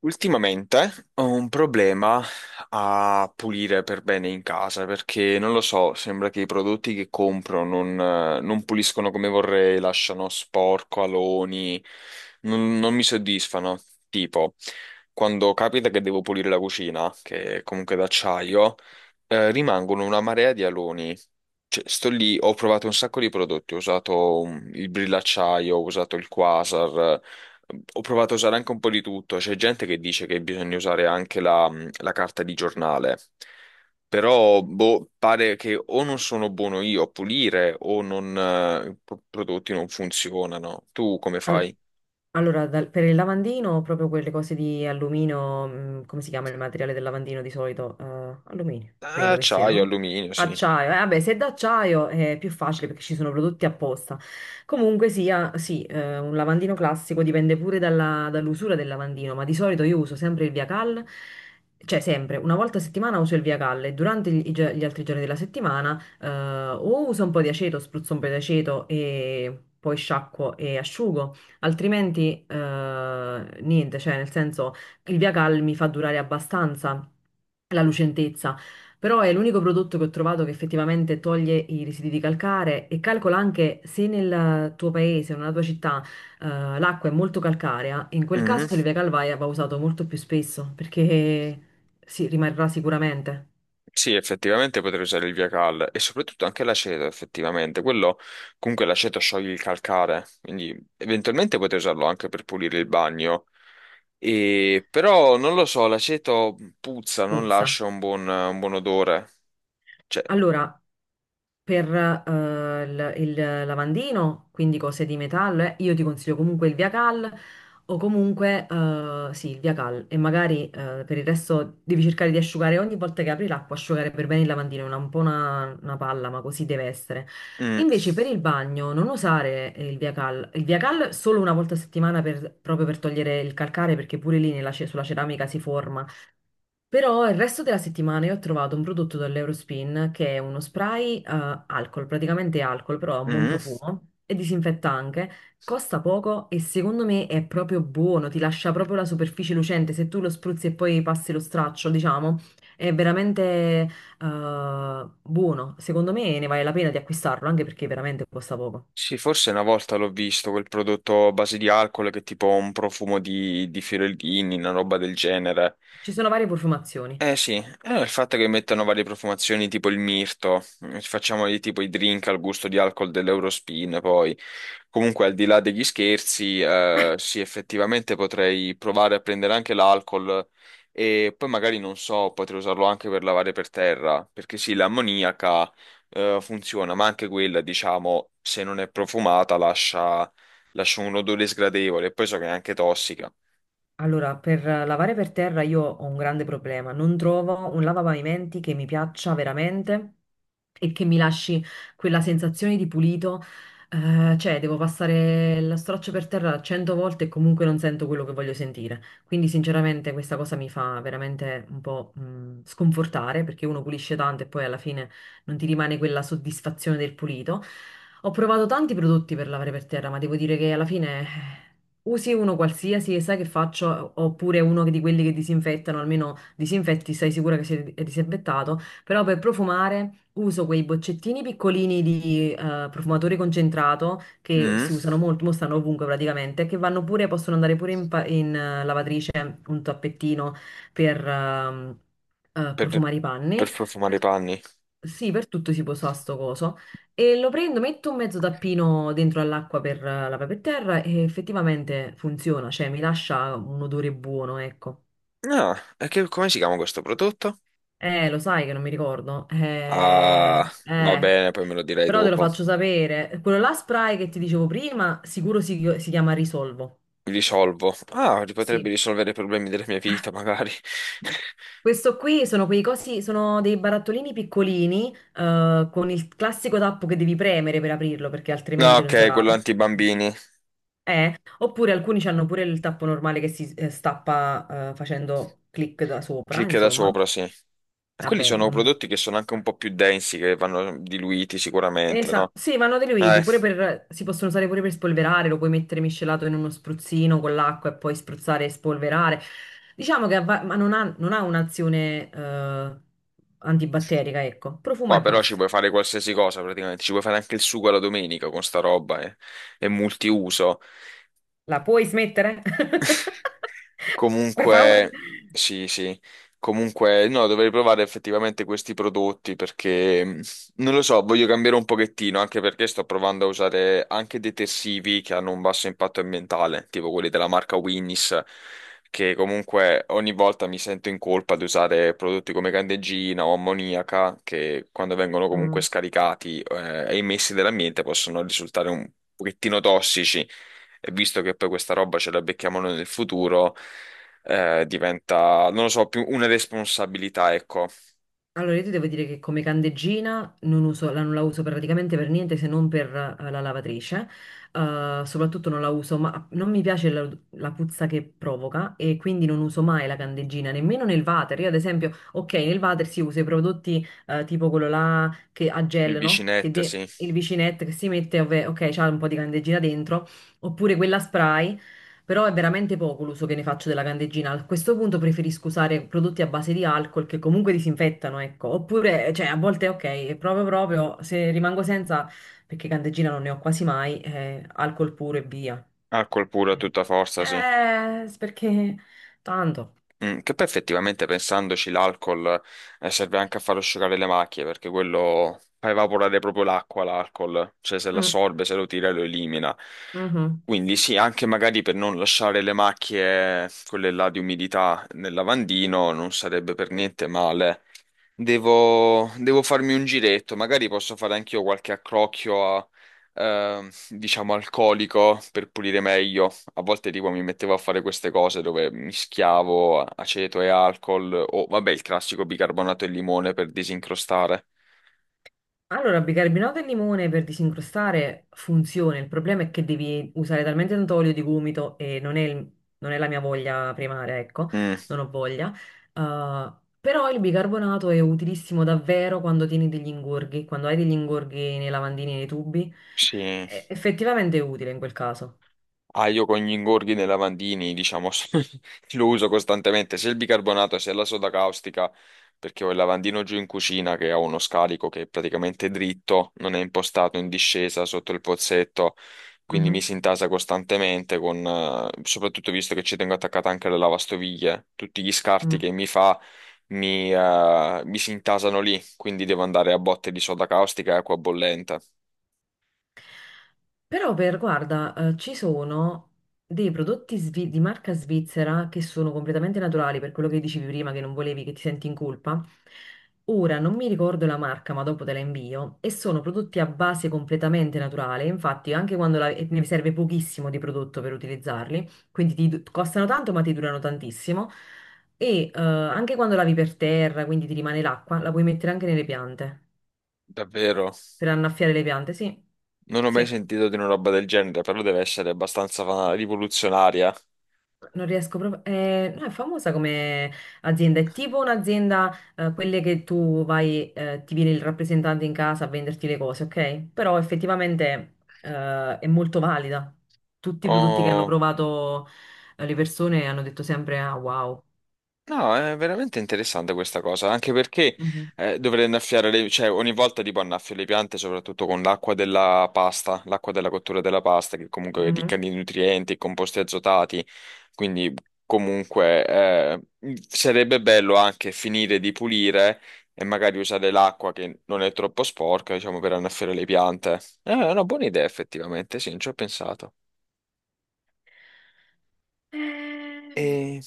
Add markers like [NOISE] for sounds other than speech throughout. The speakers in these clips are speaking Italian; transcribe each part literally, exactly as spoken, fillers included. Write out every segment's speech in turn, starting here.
Ultimamente ho un problema a pulire per bene in casa perché non lo so, sembra che i prodotti che compro non, eh, non puliscono come vorrei, lasciano sporco, aloni, non, non mi soddisfano. Tipo, quando capita che devo pulire la cucina, che è comunque d'acciaio, eh, rimangono una marea di aloni. Cioè, sto lì, ho provato un sacco di prodotti, ho usato um, il brillacciaio, ho usato il quasar, eh, ho provato a usare anche un po' di tutto. C'è gente che dice che bisogna usare anche la, mm, la carta di giornale, però boh, pare che o non sono buono io a pulire o non, eh, i pro- prodotti non funzionano. Tu come Al- fai? Allora, dal- per il lavandino, proprio quelle cose di alluminio, mm, come si chiama il materiale del lavandino di solito? Eh, alluminio, Ah, credo che siano, acciaio, no? alluminio, sì. Acciaio, eh, vabbè, se è d'acciaio è più facile perché ci sono prodotti apposta. Comunque sia, sì, eh, un lavandino classico dipende pure dalla- dall'usura del lavandino, ma di solito io uso sempre il Via Cal, cioè sempre, una volta a settimana uso il Via Cal e durante gli, i gio- gli altri giorni della settimana eh, o uso un po' di aceto, spruzzo un po' di aceto e poi sciacquo e asciugo. Altrimenti, eh, niente, cioè nel senso il Via Cal mi fa durare abbastanza la lucentezza, però è l'unico prodotto che ho trovato che effettivamente toglie i residui di calcare e calcola anche se nel tuo paese o nella tua città eh, l'acqua è molto calcarea, in quel caso il Mm. Via Cal va va usato molto più spesso perché si rimarrà sicuramente, Sì, effettivamente potrei usare il via cal e soprattutto anche l'aceto, effettivamente. Quello, comunque l'aceto scioglie il calcare, quindi eventualmente potrei usarlo anche per pulire il bagno. E, però non lo so, l'aceto puzza, non puzza. lascia un buon, un buon odore. Cioè, Allora, per eh, il, il lavandino, quindi cose di metallo, eh, io ti consiglio comunque il Via Cal o comunque eh, sì, il Via Cal e magari eh, per il resto devi cercare di asciugare ogni volta che apri l'acqua, asciugare per bene il lavandino, è una- un po' una, una palla, ma così deve essere. mm, Invece per il bagno non usare il Via Cal, il Via Cal solo una volta a settimana per- proprio per togliere il calcare perché pure lì nella ce- sulla ceramica si forma. Però il resto della settimana io ho trovato un prodotto dall'Eurospin che è uno spray eh, alcol, praticamente alcol, però ha un buon mm. profumo e disinfetta anche. Costa poco e secondo me è proprio buono, ti lascia proprio la superficie lucente. Se tu lo spruzzi e poi passi lo straccio, diciamo, è veramente eh, buono. Secondo me ne vale la pena di acquistarlo, anche perché veramente costa poco. Sì, forse una volta l'ho visto, quel prodotto a base di alcol che è tipo un profumo di, di fiorellini, una roba del genere. Ci sono varie profumazioni. Eh sì, eh, il fatto che mettono varie profumazioni tipo il mirto, eh, facciamo di tipo i drink al gusto di alcol dell'Eurospin, poi comunque al di là degli scherzi, eh, sì effettivamente potrei provare a prendere anche l'alcol e poi magari non so, potrei usarlo anche per lavare per terra, perché sì, l'ammoniaca eh, funziona, ma anche quella diciamo se non è profumata lascia, lascia un odore sgradevole, e poi so che è anche tossica. Allora, per eh, lavare per terra io ho un grande problema. Non trovo un lavapavimenti che mi piaccia veramente e che mi lasci quella sensazione di pulito. Eh, cioè, devo passare la straccia per terra cento volte e comunque non sento quello che voglio sentire. Quindi, sinceramente, questa cosa mi fa veramente un po', mh, sconfortare perché uno pulisce tanto e poi alla fine non ti rimane quella soddisfazione del pulito. Ho provato tanti prodotti per lavare per terra, ma devo dire che alla fine usi uno qualsiasi e sai che faccio, oppure uno di quelli che disinfettano, almeno disinfetti, sei sicura che sia è disinfettato, però per profumare uso quei boccettini piccolini di eh, profumatore concentrato che Mm, si usano molto, mo stanno ovunque praticamente, che vanno pure, possono andare pure in, pa- in, eh, lavatrice, un tappettino per ehm, eh, per profumare i per panni. profumare i Per- panni. sì, per tutto si può usare sto coso. E lo prendo, metto un mezzo tappino dentro all'acqua per eh, la per terra e effettivamente funziona, cioè mi lascia un odore buono, ecco. No, e che- come si chiama questo prodotto? Eh, lo sai che non mi ricordo. Eh, Ah, va eh, bene, poi me lo direi Però te lo dopo. faccio sapere. Quello là spray che ti dicevo prima, sicuro si, si chiama Risolvo. Risolvo. Ah, li potrebbe Sì. risolvere i problemi della mia vita, magari. [LAUGHS] Questo qui sono quei cosi, sono dei barattolini piccolini, eh, con il classico tappo che devi premere per aprirlo, perché No, altrimenti non ok, sarà. quello anti-bambini. Eh, oppure alcuni hanno pure il tappo normale che si eh, stappa eh, facendo clic da sopra, Clicca da insomma. sopra, sì. E quelli Vabbè, sono non... prodotti che sono anche un po' più densi, che vanno diluiti sicuramente, Esa- no? Sì, vanno Eh, diluiti, pure per... si possono usare pure per spolverare, lo puoi mettere miscelato in uno spruzzino con l'acqua e poi spruzzare e spolverare. Diciamo che avva- ma non ha, non ha un'azione eh, antibatterica, ecco. Profuma qua e però ci basta. puoi fare qualsiasi cosa praticamente, ci puoi fare anche il sugo alla domenica con sta roba, eh. È multiuso. La puoi smettere? [LAUGHS] [LAUGHS] Per favore. Comunque, sì, sì, comunque, no, dovrei provare effettivamente questi prodotti perché, mh, non lo so, voglio cambiare un pochettino, anche perché sto provando a usare anche detersivi che hanno un basso impatto ambientale, tipo quelli della marca Winnis, che comunque ogni volta mi sento in colpa di usare prodotti come candeggina o ammoniaca, che quando vengono comunque Mm. scaricati, eh, e emessi nell'ambiente possono risultare un pochettino tossici. E visto che poi questa roba ce la becchiamo noi nel futuro, eh, diventa, non lo so, più una responsabilità, ecco. Allora, io ti devo dire che come candeggina non uso- la, non la uso praticamente per niente se non per eh, la lavatrice. Eh, soprattutto non la uso, ma non mi piace la, la puzza che provoca e quindi non uso mai la candeggina, nemmeno nel water. Io, ad esempio, ok, nel water si usa i prodotti eh, tipo quello là che a Il gel, no? Che vicinetto, de- sì. Il vicinetto che si mette, ovve- ok, c'ha un po' di candeggina dentro, oppure quella spray. Però è veramente poco l'uso che ne faccio della candeggina. A questo punto preferisco usare prodotti a base di alcol che comunque disinfettano, ecco. Oppure, cioè, a volte ok, è proprio proprio se rimango senza, perché candeggina non ne ho quasi mai, eh, alcol puro e via. Alcol puro a tutta forza, sì. Eh, perché tanto. Mm, che poi effettivamente pensandoci l'alcol eh, serve anche a far asciugare le macchie, perché quello fa evaporare proprio l'acqua, l'alcol. Cioè se Mm, l'assorbe, se lo tira, lo elimina. mhm. Quindi sì, anche magari per non lasciare le macchie, quelle là di umidità nel lavandino, non sarebbe per niente male. Devo, devo farmi un giretto, magari posso fare anch'io qualche accrocchio a, ehm, diciamo, alcolico per pulire meglio. A volte tipo mi mettevo a fare queste cose dove mischiavo aceto e alcol o vabbè il classico bicarbonato e limone per disincrostare. Allora, bicarbonato e limone per disincrostare funziona, il problema è che devi usare talmente tanto olio di gomito e non è, il- non è la mia voglia primaria, ecco, Mm, non ho voglia. Uh, Però il bicarbonato è utilissimo davvero quando tieni degli ingorghi, quando hai degli ingorghi nei lavandini e nei tubi, sì. è effettivamente è utile in quel caso. Ah, io con gli ingorghi nei lavandini, diciamo, [LAUGHS] lo uso costantemente, sia il bicarbonato sia la soda caustica, perché ho il lavandino giù in cucina che ha uno scarico che è praticamente dritto, non è impostato in discesa sotto il pozzetto, quindi mi Mhm, si intasa costantemente con, eh, soprattutto visto che ci tengo attaccata anche la lavastoviglie, tutti gli scarti mm. che mi fa mi, eh, mi si intasano lì, quindi devo andare a botte di soda caustica e acqua bollente. Però per, guarda, eh, ci sono dei prodotti svi- di marca svizzera che sono completamente naturali, per quello che dicevi prima, che non volevi che ti senti in colpa. Ora non mi ricordo la marca, ma dopo te la invio. E sono prodotti a base completamente naturale. Infatti, anche quando la- e ne serve pochissimo di prodotto per utilizzarli, quindi ti du- costano tanto, ma ti durano tantissimo. E eh, anche quando lavi per terra, quindi ti rimane l'acqua, la puoi mettere anche nelle piante Davvero? per annaffiare le piante. Sì, Non ho mai sì. sentito di una roba del genere, però deve essere abbastanza rivoluzionaria. Non riesco proprio. Eh, no, è famosa come azienda, è tipo un'azienda, eh, quelle che tu vai, eh, ti viene il rappresentante in casa a venderti le cose, ok? Però effettivamente, eh, è molto valida. Tutti i Ho prodotti che hanno provato, eh, le persone hanno detto sempre: Ah, wow. no, è veramente interessante questa cosa, anche perché Mhm. eh, dovrei annaffiare le, cioè ogni volta tipo annaffio le piante, soprattutto con l'acqua della pasta, l'acqua della cottura della pasta, che comunque è Mhm. ricca di nutrienti e composti azotati, quindi comunque eh, sarebbe bello anche finire di pulire e magari usare l'acqua che non è troppo sporca, diciamo, per annaffiare le piante. Eh, è una buona idea effettivamente, sì, non ci ho pensato. Eh, E...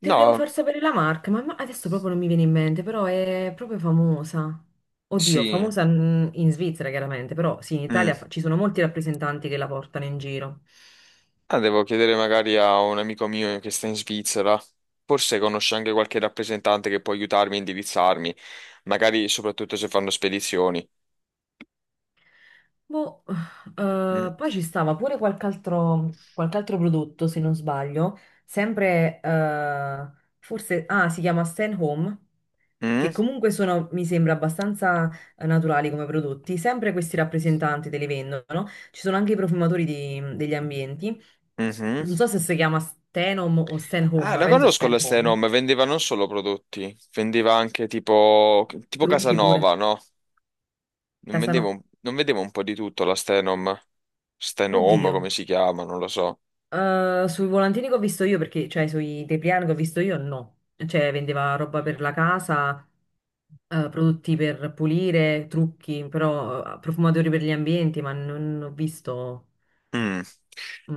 te devo No, far sapere la marca, ma ma adesso proprio non mi viene in mente, però è proprio famosa. Oddio, sì. famosa mm, in Svizzera chiaramente, però sì, in Italia fa- Mm. ci sono molti rappresentanti che la portano in giro. Ah, devo chiedere magari a un amico mio che sta in Svizzera. Forse conosce anche qualche rappresentante che può aiutarmi a indirizzarmi, magari soprattutto se fanno spedizioni. Boh, Mm. eh, poi ci stava pure qualche altro, qualche altro prodotto, se non sbaglio, sempre, eh, forse, ah, si chiama Stan Home, che Mm? comunque sono, mi sembra, abbastanza eh, naturali come prodotti, sempre questi rappresentanti te li vendono, ci sono anche i profumatori di- degli ambienti, Mhm. non so se si chiama Stenom o Stan Home, Ah, ma la penso conosco Stan la Home, Stenom, vendeva non solo prodotti, vendeva anche tipo, tipo trucchi pure, Casanova, no? Non vendeva Casano, un, non vendeva un po' di tutto la Stenom. Stenom, oddio. come si chiama, non lo so. Eh, sui volantini che ho visto io, perché, cioè sui tepliani che ho visto io, no. Cioè, vendeva roba per la casa, eh, prodotti per pulire, trucchi, però eh, profumatori per gli ambienti, ma non ho visto. Mm.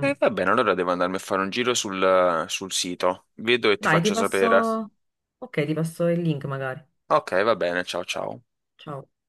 Eh, va bene, allora devo andarmi a fare un giro sul, sul sito. Vedo e ti Dai, ti faccio sapere. passo. Ok, ti passo il link magari. Ok, va bene, ciao ciao. Ciao.